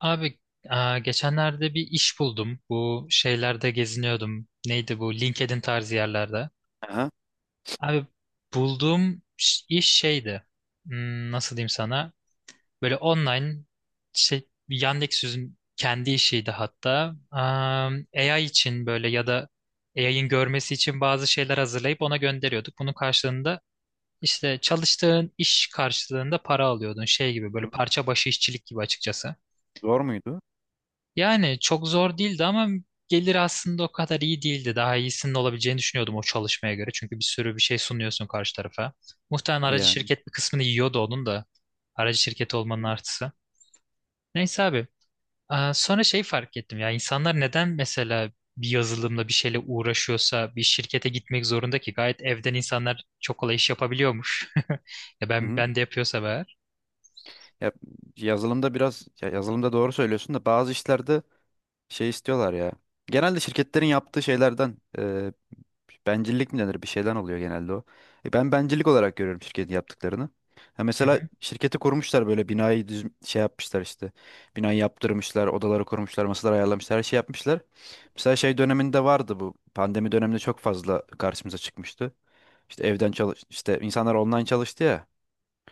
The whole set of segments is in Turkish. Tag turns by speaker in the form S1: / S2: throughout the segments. S1: Abi geçenlerde bir iş buldum. Bu şeylerde geziniyordum. Neydi bu? LinkedIn tarzı yerlerde.
S2: Aha.
S1: Abi bulduğum iş şeydi. Hmm, nasıl diyeyim sana? Böyle online şey Yandex'in kendi işiydi hatta. AI için böyle ya da AI'ın görmesi için bazı şeyler hazırlayıp ona gönderiyorduk. Bunun karşılığında işte çalıştığın iş karşılığında para alıyordun. Şey gibi böyle
S2: Hı.
S1: parça başı işçilik gibi açıkçası.
S2: Zor muydu?
S1: Yani çok zor değildi ama gelir aslında o kadar iyi değildi. Daha iyisinin olabileceğini düşünüyordum o çalışmaya göre. Çünkü bir sürü bir şey sunuyorsun karşı tarafa. Muhtemelen aracı
S2: Yani.
S1: şirket bir kısmını yiyordu onun da. Aracı şirketi olmanın artısı. Neyse abi. Sonra şey fark ettim ya insanlar neden mesela bir yazılımla bir şeyle uğraşıyorsa bir şirkete gitmek zorunda ki gayet evden insanlar çok kolay iş yapabiliyormuş. Ya
S2: Hı
S1: ben
S2: hı.
S1: ben de yapıyorsa eğer.
S2: Ya, yazılımda biraz ya yazılımda doğru söylüyorsun da bazı işlerde şey istiyorlar ya. Genelde şirketlerin yaptığı şeylerden bencillik mi denir bir şeyden oluyor genelde o. Ben bencillik olarak görüyorum şirketin yaptıklarını. Ha,
S1: Hı
S2: mesela
S1: hı,
S2: şirketi kurmuşlar böyle binayı düz şey yapmışlar işte. Binayı yaptırmışlar, odaları kurmuşlar, masalar ayarlamışlar, her şey yapmışlar. Mesela şey döneminde vardı bu. Pandemi döneminde çok fazla karşımıza çıkmıştı. İşte evden çalış işte insanlar online çalıştı ya.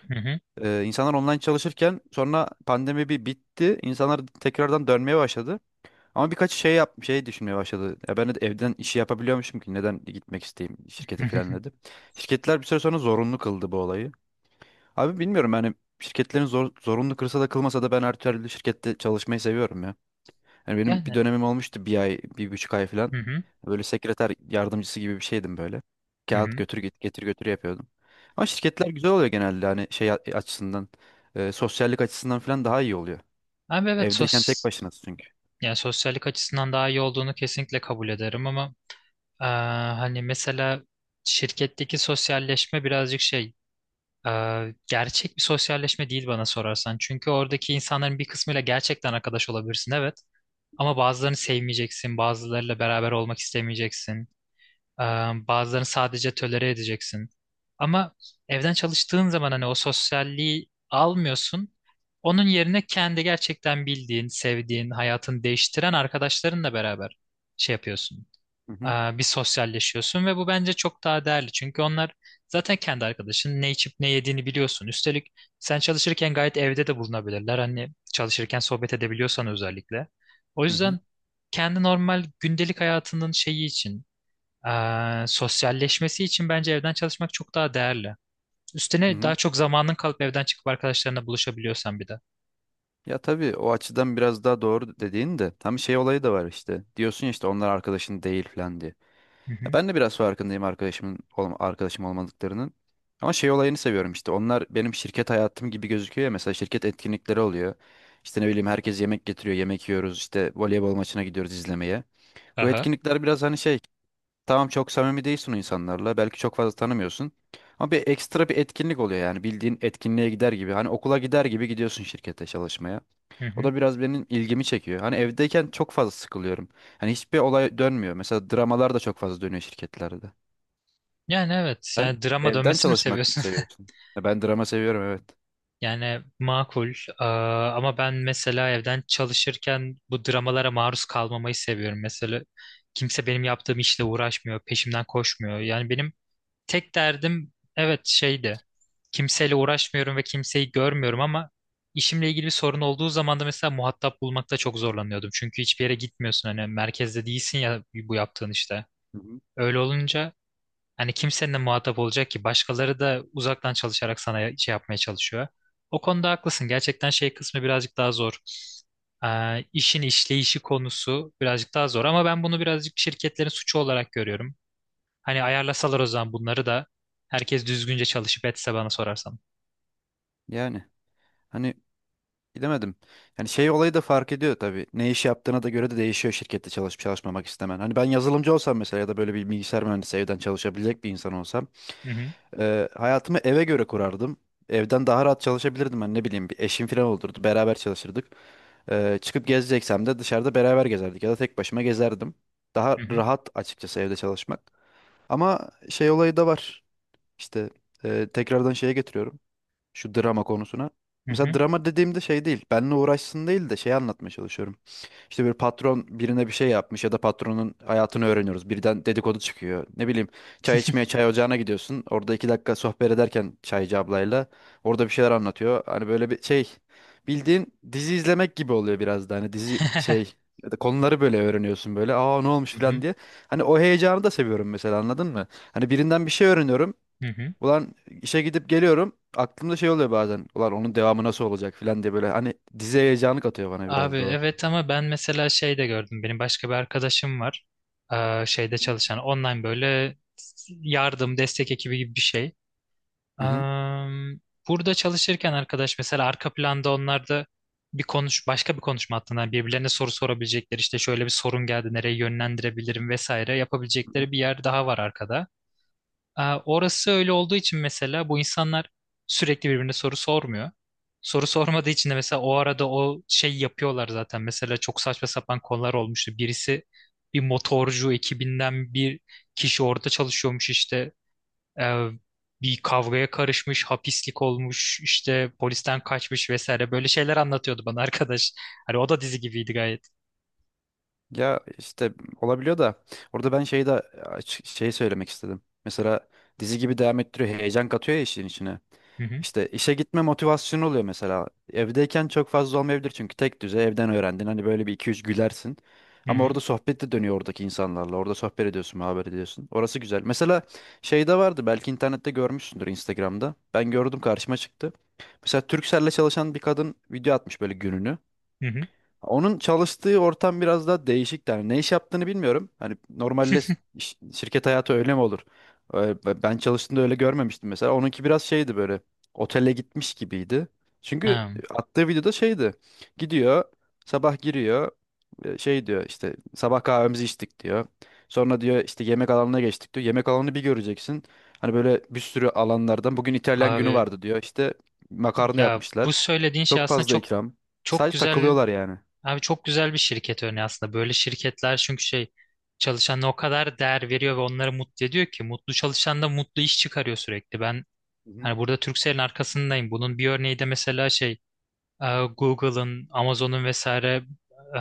S1: hı hı,
S2: İnsanlar online çalışırken sonra pandemi bir bitti. İnsanlar tekrardan dönmeye başladı. Ama birkaç şey yap şey düşünmeye başladı. Ya ben de evden işi yapabiliyormuşum ki neden gitmek isteyeyim
S1: hı
S2: şirkete falan
S1: hı.
S2: dedi. Şirketler bir süre sonra zorunlu kıldı bu olayı. Abi bilmiyorum yani şirketlerin zorunlu kılsa da kılmasa da ben her türlü şirkette çalışmayı seviyorum ya. Yani benim bir
S1: Yani.
S2: dönemim olmuştu bir ay, bir buçuk ay falan.
S1: Hı hı,
S2: Böyle sekreter yardımcısı gibi bir şeydim böyle.
S1: hı
S2: Kağıt
S1: hı.
S2: götür git getir götür yapıyordum. Ama şirketler güzel oluyor genelde hani şey açısından, sosyallik açısından falan daha iyi oluyor.
S1: Abi evet
S2: Evdeyken tek
S1: sos.
S2: başınasın çünkü.
S1: Yani sosyallik açısından daha iyi olduğunu kesinlikle kabul ederim ama eee, hani mesela şirketteki sosyalleşme birazcık şey gerçek bir sosyalleşme değil bana sorarsan. Çünkü oradaki insanların bir kısmıyla gerçekten arkadaş olabilirsin, evet, ama bazılarını sevmeyeceksin, bazılarıyla beraber olmak istemeyeceksin. Ee, Bazılarını sadece tölere edeceksin. Ama evden çalıştığın zaman hani o sosyalliği almıyorsun. Onun yerine kendi gerçekten bildiğin, sevdiğin, hayatını değiştiren arkadaşlarınla beraber şey yapıyorsun.
S2: Hı
S1: Ee,
S2: hı,
S1: Bir sosyalleşiyorsun ve bu bence çok daha değerli. Çünkü onlar zaten kendi arkadaşın, ne içip ne yediğini biliyorsun. Üstelik sen çalışırken gayet evde de bulunabilirler. Hani çalışırken sohbet edebiliyorsan özellikle. O
S2: hı hı,
S1: yüzden kendi normal gündelik hayatının şeyi için sosyalleşmesi için bence evden çalışmak çok daha değerli.
S2: hı
S1: Üstüne daha
S2: hı.
S1: çok zamanın kalıp evden çıkıp arkadaşlarına buluşabiliyorsan bir de.
S2: Ya tabii o açıdan biraz daha doğru dediğin de tam şey olayı da var işte. Diyorsun ya işte onlar arkadaşın değil falan diye.
S1: Hı
S2: Ya
S1: hı.
S2: ben de biraz farkındayım arkadaşım olmadıklarının. Ama şey olayını seviyorum işte. Onlar benim şirket hayatım gibi gözüküyor ya. Mesela şirket etkinlikleri oluyor. İşte ne bileyim herkes yemek getiriyor. Yemek yiyoruz. İşte voleybol maçına gidiyoruz izlemeye. Bu
S1: Aha.
S2: etkinlikler biraz hani şey. Tamam çok samimi değilsin o insanlarla. Belki çok fazla tanımıyorsun. Ama bir ekstra bir etkinlik oluyor yani. Bildiğin etkinliğe gider gibi. Hani okula gider gibi gidiyorsun şirkete çalışmaya.
S1: Hı
S2: O
S1: hı.
S2: da biraz benim ilgimi çekiyor. Hani evdeyken çok fazla sıkılıyorum. Hani hiçbir olay dönmüyor. Mesela dramalar da çok fazla dönüyor şirketlerde.
S1: Yani evet,
S2: Sen
S1: yani drama
S2: evden
S1: dönmesini mi
S2: çalışmak mı
S1: seviyorsun?
S2: seviyorsun? Ya ben drama seviyorum evet.
S1: Yani makul. Ama ben mesela evden çalışırken bu dramalara maruz kalmamayı seviyorum. Mesela kimse benim yaptığım işle uğraşmıyor, peşimden koşmuyor. Yani benim tek derdim evet şeydi. Kimseyle uğraşmıyorum ve kimseyi görmüyorum ama işimle ilgili bir sorun olduğu zaman da mesela muhatap bulmakta çok zorlanıyordum. Çünkü hiçbir yere gitmiyorsun, hani merkezde değilsin ya bu yaptığın işte.
S2: Hı hı.
S1: Öyle olunca hani kimsenin de muhatap olacak ki, başkaları da uzaktan çalışarak sana şey yapmaya çalışıyor. O konuda haklısın. Gerçekten şey kısmı birazcık daha zor. İşin işleyişi konusu birazcık daha zor ama ben bunu birazcık şirketlerin suçu olarak görüyorum. Hani ayarlasalar o zaman bunları da herkes düzgünce çalışıp etse bana sorarsan.
S2: Yani hani bilemedim. Yani şey olayı da fark ediyor tabii. Ne iş yaptığına da göre de değişiyor şirkette çalışıp çalışmamak istemen. Hani ben yazılımcı olsam mesela ya da böyle bir bilgisayar mühendisi evden çalışabilecek bir insan olsam
S1: Hı hı.
S2: hayatımı eve göre kurardım. Evden daha rahat çalışabilirdim ben ne bileyim bir eşim falan olurdu beraber çalışırdık. Çıkıp gezeceksem de dışarıda beraber gezerdik ya da tek başıma gezerdim.
S1: Hı
S2: Daha
S1: hı.
S2: rahat açıkçası evde çalışmak. Ama şey olayı da var. İşte tekrardan şeye getiriyorum. Şu drama konusuna.
S1: Hı
S2: Mesela
S1: hı.
S2: drama dediğimde şey değil. Benimle uğraşsın değil de şey anlatmaya çalışıyorum. İşte bir patron birine bir şey yapmış ya da patronun hayatını öğreniyoruz. Birden dedikodu çıkıyor. Ne bileyim çay içmeye çay ocağına gidiyorsun. Orada iki dakika sohbet ederken çaycı ablayla orada bir şeyler anlatıyor. Hani böyle bir şey bildiğin dizi izlemek gibi oluyor biraz da. Hani dizi şey ya da konuları böyle öğreniyorsun böyle. Aa ne olmuş
S1: Hı hı.
S2: falan diye. Hani o heyecanı da seviyorum mesela anladın mı? Hani birinden bir şey öğreniyorum.
S1: Hı hı.
S2: Ulan işe gidip geliyorum. Aklımda şey oluyor bazen. Ulan onun devamı nasıl olacak filan diye böyle hani dizi heyecanı katıyor bana
S1: Abi
S2: biraz da o.
S1: evet, ama ben mesela şey de gördüm. Benim başka bir arkadaşım var. Şeyde çalışan online böyle yardım, destek ekibi gibi bir şey. Ee,
S2: Hı hı.
S1: burada çalışırken arkadaş mesela arka planda onlar da bir konuş başka bir konuşma hattından birbirlerine soru sorabilecekleri, işte şöyle bir sorun geldi nereye yönlendirebilirim vesaire
S2: Hı hı.
S1: yapabilecekleri bir yer daha var arkada. Orası öyle olduğu için mesela bu insanlar sürekli birbirine soru sormuyor. Soru sormadığı için de mesela o arada o şey yapıyorlar zaten. Mesela çok saçma sapan konular olmuştu. Bir motorcu ekibinden bir kişi orada çalışıyormuş işte. Ee, bir kavgaya karışmış, hapislik olmuş, işte polisten kaçmış vesaire böyle şeyler anlatıyordu bana arkadaş. Hani o da dizi gibiydi gayet.
S2: Ya işte olabiliyor da orada ben şeyi de şey söylemek istedim. Mesela dizi gibi devam ettiriyor, heyecan katıyor ya işin içine.
S1: Hı hı,
S2: İşte işe gitme motivasyonu oluyor mesela. Evdeyken çok fazla olmayabilir çünkü tek düze evden öğrendin. Hani böyle bir iki üç gülersin.
S1: hı
S2: Ama
S1: hı,
S2: orada sohbet de dönüyor oradaki insanlarla. Orada sohbet ediyorsun, muhabbet ediyorsun. Orası güzel. Mesela şeyde vardı belki internette görmüşsündür Instagram'da. Ben gördüm karşıma çıktı. Mesela Turkcell'le çalışan bir kadın video atmış böyle gününü.
S1: hı hı.
S2: Onun çalıştığı ortam biraz daha değişik yani ne iş yaptığını bilmiyorum. Hani normalde şirket hayatı öyle mi olur? Ben çalıştığımda öyle görmemiştim mesela. Onunki biraz şeydi böyle otele gitmiş gibiydi. Çünkü
S1: Ha,
S2: attığı videoda şeydi. Gidiyor sabah giriyor şey diyor işte sabah kahvemizi içtik diyor. Sonra diyor işte yemek alanına geçtik diyor. Yemek alanını bir göreceksin. Hani böyle bir sürü alanlardan bugün İtalyan günü
S1: Abi
S2: vardı diyor. İşte makarna
S1: ya bu
S2: yapmışlar.
S1: söylediğin şey
S2: Çok
S1: aslında
S2: fazla ikram.
S1: çok
S2: Sadece
S1: güzel.
S2: takılıyorlar yani.
S1: Abi çok güzel bir şirket örneği aslında. Böyle şirketler çünkü şey çalışanına o kadar değer veriyor ve onları mutlu ediyor ki mutlu çalışan da mutlu iş çıkarıyor sürekli. Ben
S2: Hı hı.
S1: hani burada Turkcell'in arkasındayım. Bunun bir örneği de mesela şey e, Google'ın, Amazon'un vesaire e,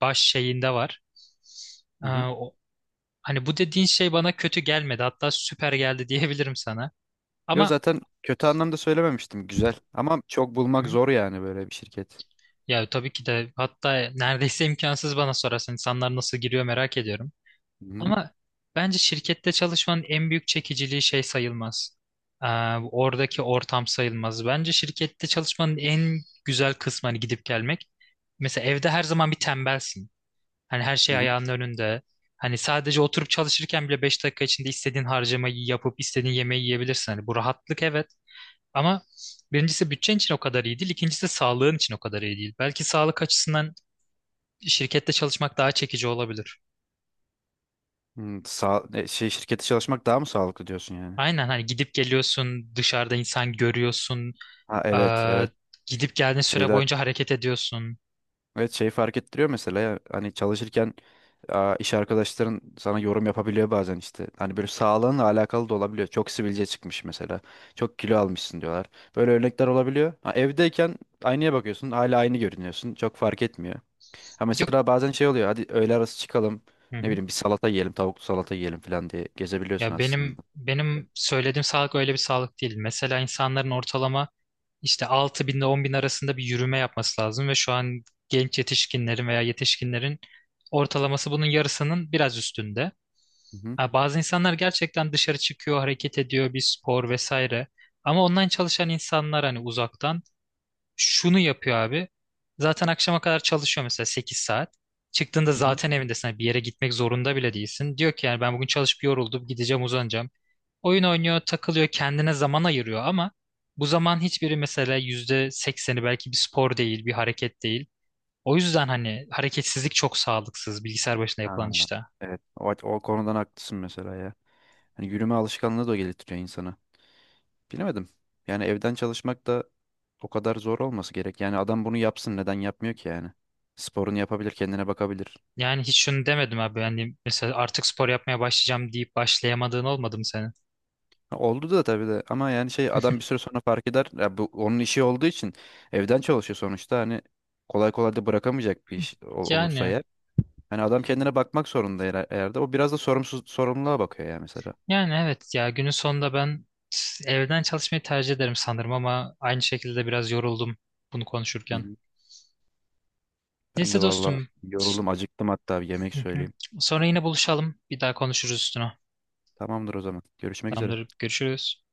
S1: baş şeyinde var. E,
S2: Hı hı.
S1: o- Hani bu dediğin şey bana kötü gelmedi. Hatta süper geldi, diyebilirim sana.
S2: Yo
S1: Ama.
S2: zaten kötü anlamda söylememiştim. Güzel. Ama çok
S1: Hı
S2: bulmak
S1: hı.
S2: zor yani böyle bir şirket.
S1: Ya tabii ki de, hatta neredeyse imkansız bana sorarsan, insanlar nasıl giriyor merak ediyorum.
S2: Hı hı.
S1: Ama bence şirkette çalışmanın en büyük çekiciliği şey sayılmaz. Ee, oradaki ortam sayılmaz. Bence şirkette çalışmanın en güzel kısmı hani gidip gelmek. Mesela evde her zaman bir tembelsin. Hani her
S2: Hı
S1: şey
S2: hı.
S1: ayağının önünde. Hani sadece oturup çalışırken bile 5 dakika içinde istediğin harcamayı yapıp istediğin yemeği yiyebilirsin. Hani bu rahatlık, evet. Ama birincisi bütçen için o kadar iyi değil. İkincisi sağlığın için o kadar iyi değil. Belki sağlık açısından şirkette çalışmak daha çekici olabilir.
S2: Şey şirkete çalışmak daha mı sağlıklı diyorsun yani?
S1: Aynen, hani gidip geliyorsun, dışarıda insan görüyorsun,
S2: Ha evet
S1: eee,
S2: evet.
S1: gidip geldiğin süre
S2: Şeyler
S1: boyunca hareket ediyorsun.
S2: evet şey fark ettiriyor mesela ya, hani çalışırken iş arkadaşların sana yorum yapabiliyor bazen işte. Hani böyle sağlığınla alakalı da olabiliyor. Çok sivilce çıkmış mesela. Çok kilo almışsın diyorlar. Böyle örnekler olabiliyor. Ha, evdeyken aynaya bakıyorsun. Hala aynı görünüyorsun. Çok fark etmiyor. Ha
S1: Yok.
S2: mesela bazen şey oluyor. Hadi öğle arası çıkalım.
S1: Hı
S2: Ne
S1: hı.
S2: bileyim bir salata yiyelim, tavuklu salata yiyelim falan diye gezebiliyorsun
S1: Ya benim
S2: aslında.
S1: benim söylediğim sağlık öyle bir sağlık değil. Mesela insanların ortalama işte 6.000 ile 10.000 arasında bir yürüme yapması lazım ve şu an genç yetişkinlerin veya yetişkinlerin ortalaması bunun yarısının biraz üstünde.
S2: Hı-hı.
S1: Ha, bazı insanlar gerçekten dışarı çıkıyor, hareket ediyor, bir spor vesaire. Ama online çalışan insanlar hani uzaktan şunu yapıyor abi. Zaten akşama kadar çalışıyor mesela 8 saat. Çıktığında
S2: Hı-hı.
S1: zaten evindesin. Hani bir yere gitmek zorunda bile değilsin. Diyor ki yani ben bugün çalışıp yoruldum. Gideceğim, uzanacağım. Oyun oynuyor, takılıyor, kendine zaman ayırıyor ama bu zaman hiçbiri, mesela %80'i belki, bir spor değil, bir hareket değil. O yüzden hani hareketsizlik çok sağlıksız, bilgisayar başında yapılan
S2: Ha,
S1: işte.
S2: evet. O konudan haklısın mesela ya. Hani yürüme alışkanlığı da geliştiriyor insana. Bilemedim. Yani evden çalışmak da o kadar zor olması gerek. Yani adam bunu yapsın neden yapmıyor ki yani? Sporunu yapabilir, kendine bakabilir.
S1: Yani hiç şunu demedim abi. Yani mesela artık spor yapmaya başlayacağım deyip başlayamadığın olmadı mı senin?
S2: Ha, oldu da tabii de ama yani şey adam bir süre sonra fark eder. Ya bu onun işi olduğu için evden çalışıyor sonuçta. Hani kolay kolay da bırakamayacak bir iş olursa
S1: Yani.
S2: eğer. Hani adam kendine bakmak zorunda eğer de o biraz da sorumluluğa bakıyor ya mesela.
S1: Yani evet ya, günün sonunda ben evden çalışmayı tercih ederim sanırım ama aynı şekilde biraz yoruldum bunu
S2: Hı
S1: konuşurken.
S2: hı. Ben de
S1: Neyse
S2: valla
S1: dostum.
S2: yoruldum, acıktım hatta bir yemek
S1: Hı hı.
S2: söyleyeyim.
S1: Sonra yine buluşalım. Bir daha konuşuruz üstüne.
S2: Tamamdır o zaman. Görüşmek üzere.
S1: Tamamdır. Görüşürüz.